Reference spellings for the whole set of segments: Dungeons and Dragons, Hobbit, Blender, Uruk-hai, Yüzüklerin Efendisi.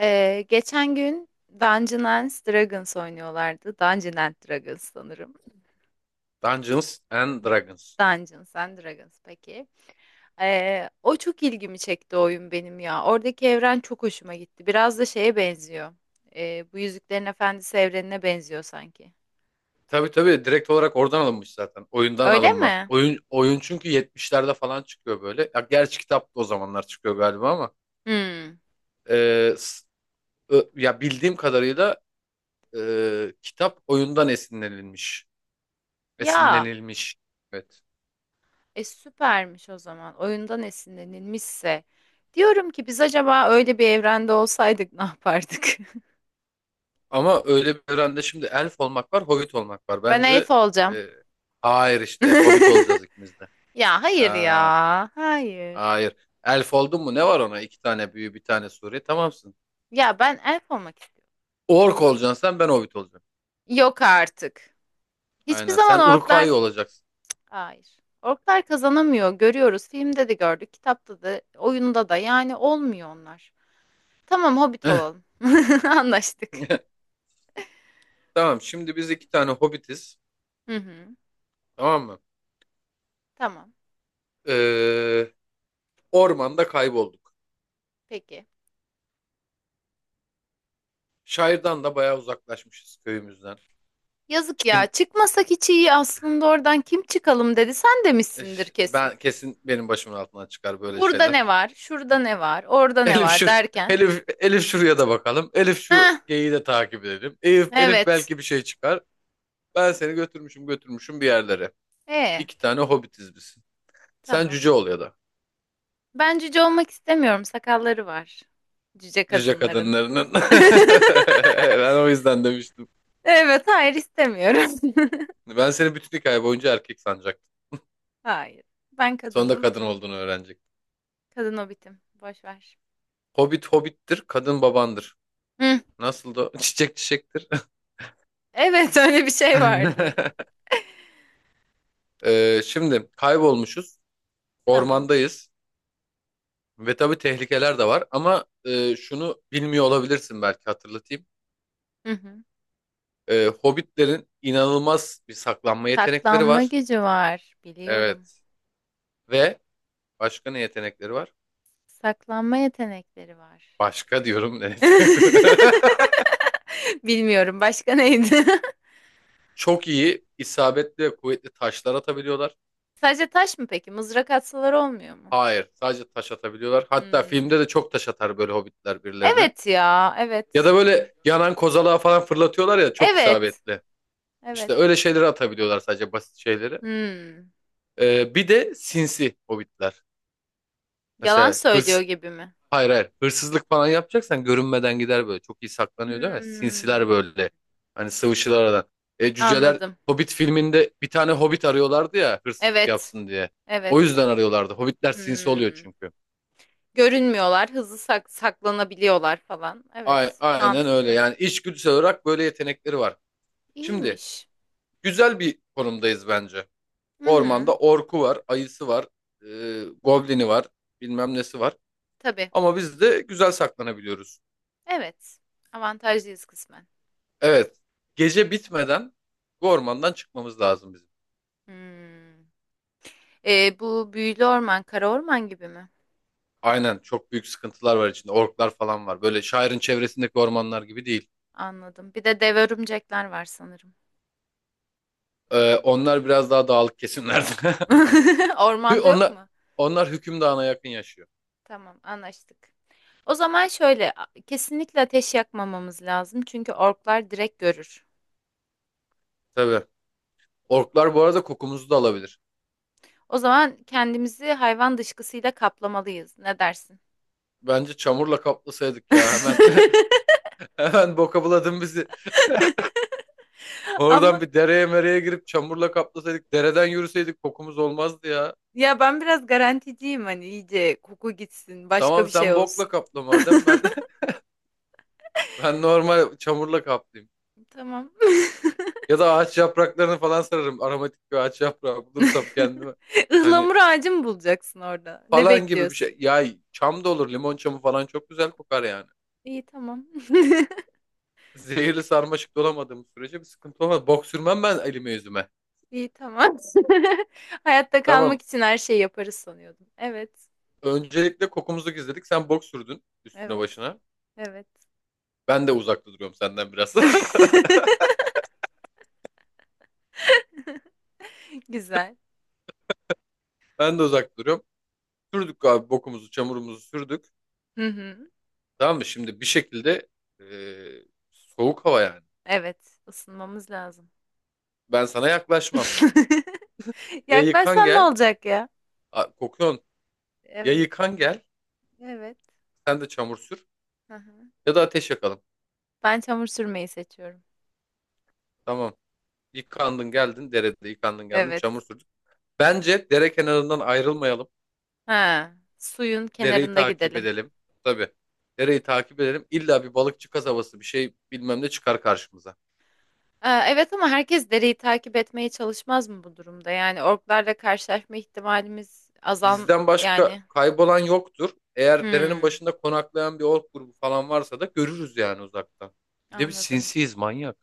Geçen gün Dungeons and Dragons oynuyorlardı. Dungeons and Dragons sanırım. Dungeons and Dragons. Dungeons and Dragons peki. O çok ilgimi çekti oyun benim ya. Oradaki evren çok hoşuma gitti. Biraz da şeye benziyor. Bu Yüzüklerin Efendisi evrenine benziyor sanki. Tabii tabii direkt olarak oradan alınmış zaten. Oyundan Öyle alınma. mi? Oyun oyun çünkü 70'lerde falan çıkıyor böyle. Ya gerçi kitap da o zamanlar çıkıyor galiba ama Hmm. e, s- ya bildiğim kadarıyla kitap oyundan esinlenilmiş. Ya, Esinlenilmiş. Evet. Süpermiş o zaman. Oyundan esinlenilmişse. Diyorum ki biz acaba öyle bir evrende olsaydık ne yapardık? Ama öyle bir evrende şimdi elf olmak var, hobbit olmak var. Ben elf Bence olacağım. e, hayır işte hobbit olacağız ikimiz de. Ya hayır ya. Ya Hayır. hayır. Elf oldun mu ne var ona? İki tane büyü, bir tane sure. Tamamsın. Ya ben elf olmak istiyorum. Ork olacaksın sen ben Hobbit olacağım. Yok artık. Hiçbir Aynen sen zaman Uruk-hai orklar... olacaksın. Hayır. Orklar kazanamıyor. Görüyoruz. Filmde de gördük. Kitapta da, oyunda da. Yani olmuyor onlar. Tamam hobbit olalım. Anlaştık. Tamam şimdi biz iki tane Hobbitiz. Hı hı. Tamam mı? Tamam. Ee, ormanda kaybolduk. Peki. Şairden da bayağı uzaklaşmışız köyümüzden. Yazık ya. Çıkın Çıkmasak hiç iyi aslında oradan kim çıkalım dedi. Sen demişsindir kesin. ben kesin benim başımın altından çıkar böyle Burada şeyler. ne var? Şurada ne var? Orada ne Elif var şu derken. Elif şuraya da bakalım. Elif Heh, şu geyiği de takip edelim. Elif evet. belki bir şey çıkar. Ben seni götürmüşüm götürmüşüm bir yerlere. E İki tane Hobbitiz biz. Sen tamam. cüce ol ya da. Ben cüce olmak istemiyorum. Sakalları var. Cüce Cüce kadınların. kadınlarının. Ben o yüzden demiştim. Evet, hayır istemiyorum. Ben seni bütün hikaye boyunca erkek sanacaktım. Hayır. Ben Sonunda kadınım. kadın olduğunu öğrenecektim. Kadın hobitim. Boş ver. Hobbit hobbittir, kadın babandır. Hı. Nasıl da çiçek çiçektir. Evet, öyle bir şey vardı. Şimdi kaybolmuşuz, Tamam. ormandayız ve tabii tehlikeler de var ama şunu bilmiyor olabilirsin belki hatırlatayım. Hı hı. Hobbitlerin inanılmaz bir saklanma yetenekleri Saklanma var. gücü var. Biliyorum. Evet. Ve başka ne yetenekleri var? Saklanma yetenekleri var. Başka diyorum ne yetenekleri? Bilmiyorum. Başka neydi? Çok iyi, isabetli ve kuvvetli taşlar atabiliyorlar. Sadece taş mı peki? Mızrak atsalar olmuyor mu? Hayır, sadece taş atabiliyorlar. Hatta Hmm. filmde de çok taş atar böyle hobbitler birilerine. Evet ya. Ya da Evet. böyle yanan kozalağı falan fırlatıyorlar ya çok Evet. isabetli. İşte Evet. öyle şeyleri atabiliyorlar sadece basit şeyleri. Hmm. Bir de sinsi hobbitler. Yalan Mesela söylüyor hırs, gibi mi? Hayır hayır. Hırsızlık falan yapacaksan görünmeden gider böyle. Çok iyi saklanıyor değil mi? Sinsiler Hmm, böyle. Hani sıvışırlar aradan. E, cüceler anladım. Hobbit filminde bir tane Hobbit arıyorlardı ya hırsızlık Evet, yapsın diye. O evet. yüzden arıyorlardı. Hobbitler sinsi oluyor Hmm. çünkü. Görünmüyorlar, saklanabiliyorlar falan. Ay, Evet, aynen öyle. mantıklı. Yani içgüdüsel olarak böyle yetenekleri var. Şimdi İyiymiş. güzel bir konumdayız bence. Hı hı, Ormanda orku var, ayısı var, e, goblini var, bilmem nesi var. tabii. Ama biz de güzel saklanabiliyoruz. Evet, avantajlıyız kısmen. Evet. Gece bitmeden bu ormandan çıkmamız lazım bizim. Hmm. Bu büyülü orman, kara orman gibi mi? Aynen çok büyük sıkıntılar var içinde. Orklar falan var. Böyle şairin çevresindeki ormanlar gibi değil. Anladım. Bir de dev örümcekler var sanırım. Onlar biraz daha dağlık kesimlerde. Hü- Ormanda yok Onlar, mu? onlar hüküm dağına yakın yaşıyor. Tamam, anlaştık. O zaman kesinlikle ateş yakmamamız lazım çünkü orklar direkt görür. Tabii. Orklar bu arada kokumuzu da alabilir. O zaman kendimizi hayvan dışkısıyla kaplamalıyız. Ne dersin? Bence çamurla kaplasaydık ya hemen. Hemen boka buladın bizi. Oradan Ama bir dereye mereye girip çamurla kaplasaydık. Dereden yürüseydik kokumuz olmazdı ya. ya ben biraz garanticiyim hani iyice koku gitsin, başka Tamam bir şey sen bokla olsun. kapla madem ben ben normal çamurla kaplayayım. Tamam. Ya da ağaç yapraklarını falan sararım. Aromatik bir ağaç yaprağı bulursam kendime. Hani Ihlamur ağacı mı bulacaksın orada? Ne falan gibi bir bekliyorsun? şey. Ya çam da olur. Limon çamı falan çok güzel kokar yani. İyi tamam. Zehirli sarmaşık dolamadığım sürece bir sıkıntı olmaz. Bok sürmem ben elime yüzüme. İyi tamam. Hayatta Tamam. kalmak için her şeyi yaparız sanıyordum. Evet. Öncelikle kokumuzu gizledik. Sen bok sürdün üstüne Evet. başına. Evet. Ben de uzak duruyorum senden biraz. Güzel. Ben de uzak duruyorum. Sürdük abi bokumuzu, çamurumuzu sürdük. Hı hı. Tamam mı? Şimdi bir şekilde e, soğuk hava yani. Evet, ısınmamız lazım. Ben sana yaklaşmam. Ya yıkan Yaklaşsan ne gel, olacak ya? Kokuyorsun. Ya Evet, yıkan gel, evet. sen de çamur sür Hı hı. ya da ateş yakalım. Ben çamur sürmeyi seçiyorum. Tamam. Yıkandın geldin derede yıkandın geldin çamur Evet. sürdün. Bence dere kenarından ayrılmayalım. Ha, suyun Dereyi kenarında takip gidelim. edelim. Tabii. Dereyi takip edelim. İlla bir balıkçı kasabası bir şey bilmem ne çıkar karşımıza. Aa, evet ama herkes dereyi takip etmeye çalışmaz mı bu durumda? Yani orklarla karşılaşma ihtimalimiz azal Bizden başka yani. kaybolan yoktur. Eğer derenin Hmm, başında konaklayan bir ork grubu falan varsa da görürüz yani uzaktan. Bir de biz anladım. sinsiyiz manyak.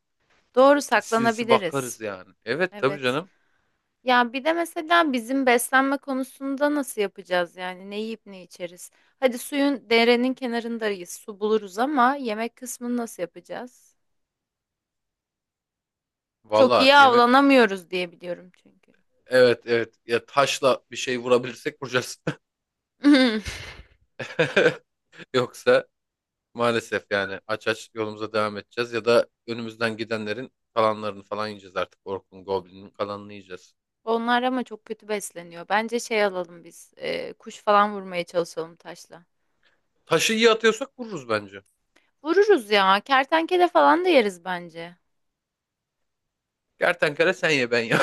Doğru Sinsi sinsi saklanabiliriz. bakarız yani. Evet tabii Evet. canım. Ya bir de mesela bizim beslenme konusunda nasıl yapacağız yani ne yiyip ne içeriz? Hadi suyun derenin kenarındayız, su buluruz ama yemek kısmını nasıl yapacağız? Çok Valla iyi yemek avlanamıyoruz diye biliyorum çünkü. Evet evet ya taşla bir şey vurabilirsek vuracağız. Yoksa maalesef yani aç aç yolumuza devam edeceğiz ya da önümüzden gidenlerin kalanlarını falan yiyeceğiz artık. Orkun Goblin'in kalanını yiyeceğiz. Onlar ama çok kötü besleniyor. Bence şey alalım biz, kuş falan vurmaya çalışalım taşla. Taşı iyi atıyorsak vururuz bence. Vururuz ya, kertenkele falan da yeriz bence. Kertenkele sen ye ben ye.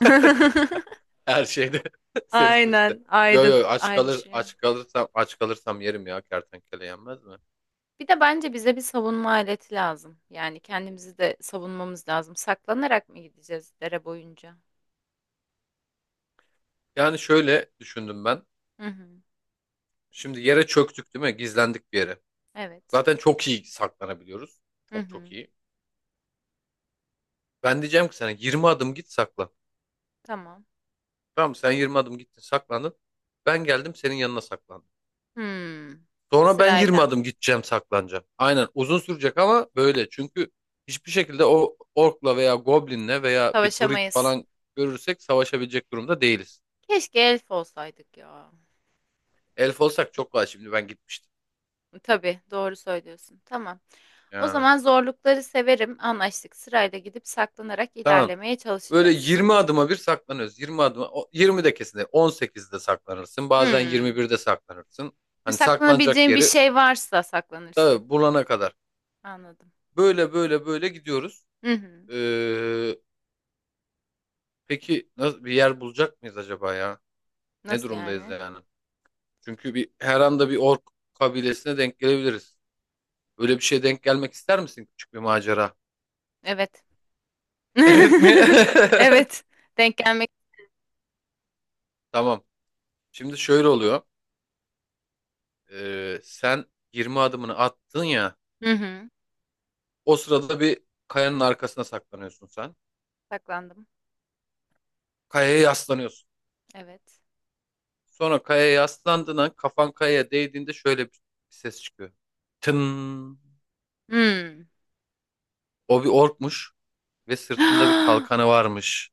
Her şeyde seni suçlu. Aynen, Yo ayrı yo ayrışıyor. Aç kalırsam yerim ya kertenkele yenmez mi? Bir de bence bize bir savunma aleti lazım. Yani kendimizi de savunmamız lazım. Saklanarak mı gideceğiz dere boyunca? Yani şöyle düşündüm ben. Hı hı. Şimdi yere çöktük değil mi? Gizlendik bir yere. Evet. Zaten çok iyi saklanabiliyoruz. Hı Çok hı. çok iyi. Ben diyeceğim ki sana 20 adım git saklan. Tamam. Tamam mı? Sen 20 adım gittin saklandın. Ben geldim senin yanına saklandım. Hmm. Sonra ben 20 Sırayla. adım gideceğim saklanacağım. Aynen uzun sürecek ama böyle. Çünkü hiçbir şekilde o orkla veya goblinle veya bir druid Savaşamayız. falan görürsek savaşabilecek durumda değiliz. Keşke elf olsaydık ya. Elf olsak çok kolay şimdi ben gitmiştim. Tabii, doğru söylüyorsun. Tamam. O Yani zaman zorlukları severim. Anlaştık. Sırayla gidip saklanarak tamam. ilerlemeye Böyle çalışacağız. 20 adıma bir saklanıyoruz. 20 de kesin değil. 18'de saklanırsın. Bazen Hmm. 21'de saklanırsın. Hani saklanacak Saklanabileceğin bir yeri şey varsa saklanırsın. tabii bulana kadar. Anladım. Böyle böyle böyle gidiyoruz. Hı hı. Ee, peki nasıl bir yer bulacak mıyız acaba ya? Ne Nasıl durumdayız yani? yani? Çünkü bir her anda bir ork kabilesine denk gelebiliriz. Öyle bir şeye denk gelmek ister misin? Küçük bir macera. Evet. Evet mi? Evet. Denk gelmek. Tamam. Şimdi şöyle oluyor. Sen 20 adımını attın ya. Hı hı. O sırada bir kayanın arkasına saklanıyorsun sen. Saklandım. Kayaya yaslanıyorsun. Evet. Sonra kayaya yaslandığın kafan kayaya değdiğinde şöyle bir ses çıkıyor. Tın. Hmm. O bir orkmuş. Ve sırtında bir kalkanı varmış.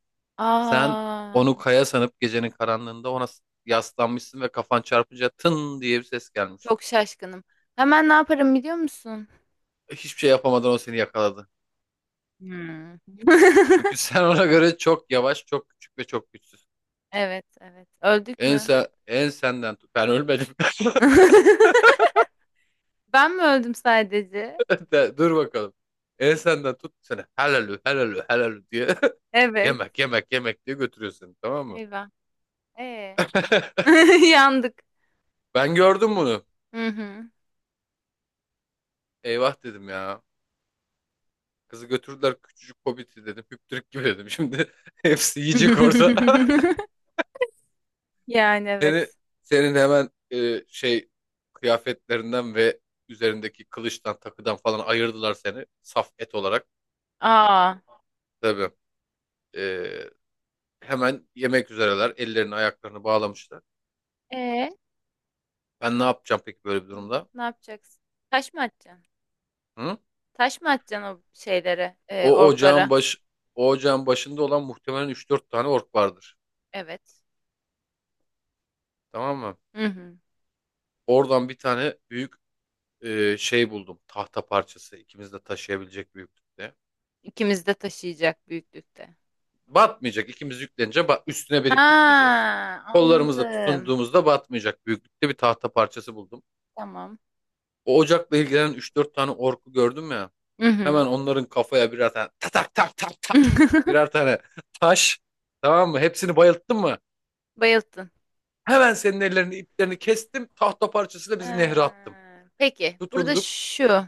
Sen Aa, onu kaya sanıp gecenin karanlığında ona yaslanmışsın ve kafan çarpınca tın diye bir ses gelmiş. çok şaşkınım. Hemen ne yaparım biliyor musun? Hiçbir şey yapamadan o seni yakaladı. Hmm. Çünkü sen ona göre çok yavaş, çok küçük ve çok güçsüz. Evet, evet. Öldük En, mü? sen, en senden tut. Ben ölmedim. Ben mi öldüm sadece? Dur bakalım. En senden tut seni. Helalü, helalü, helalü diye. Evet. Yemek, yemek, yemek diye götürüyor seni. Tamam mı? Eyvah. Ee. Yandık. Ben gördüm bunu. Hı hı. Eyvah dedim ya. Kızı götürdüler küçücük hobbiti dedim. Hüptürük gibi dedim. Şimdi hepsi yiyecek orada. Yani Seni, evet. senin hemen kıyafetlerinden ve üzerindeki kılıçtan takıdan falan ayırdılar seni. Saf et olarak. Aa. Tabii. E, hemen yemek üzereler. Ellerini ayaklarını bağlamışlar. Ee, Ben ne yapacağım peki böyle bir durumda? ne yapacaksın? Taş mı atacaksın? Hı? Taş mı atacaksın o şeylere, O ocağın orklara? baş, o ocağın başında olan muhtemelen üç dört tane ork vardır. Evet. Tamam mı? Hı hı. Oradan bir tane büyük şey buldum. Tahta parçası ikimiz de taşıyabilecek büyüklükte. İkimiz de taşıyacak büyüklükte. Batmayacak. İkimiz yüklenince üstüne verip Ha, gitmeyeceğiz. Kollarımızla anladım. tutunduğumuzda batmayacak büyüklükte bir tahta parçası buldum. Tamam. O ocakla ilgilenen üç dört tane orku gördüm ya. Hı hı. Hemen onların kafaya birer tane tak tak tak tak tak birer tane taş tamam mı? Hepsini bayılttım mı? Bayılttın. Hemen senin ellerini iplerini kestim. Tahta parçasıyla bizi nehre Ha, attım. peki, Tutunduk.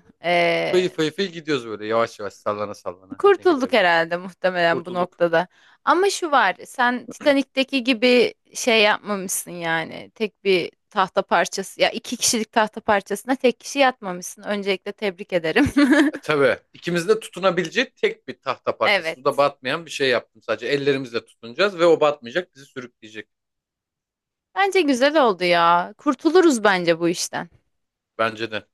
Fıy fıy fıy gidiyoruz böyle yavaş yavaş sallana sallana nehirle kurtulduk birlikte. herhalde muhtemelen bu Kurtulduk. noktada. Ama şu var, sen Titanik'teki gibi şey yapmamışsın yani. Tek bir tahta parçası, ya iki kişilik tahta parçasına tek kişi yatmamışsın. Öncelikle tebrik ederim. Tabii ikimizin de tutunabileceği tek bir tahta parçası. Suda Evet. batmayan bir şey yaptım sadece. Ellerimizle tutunacağız ve o batmayacak, bizi sürükleyecek. Bence güzel oldu ya. Kurtuluruz bence bu işten. Bence de.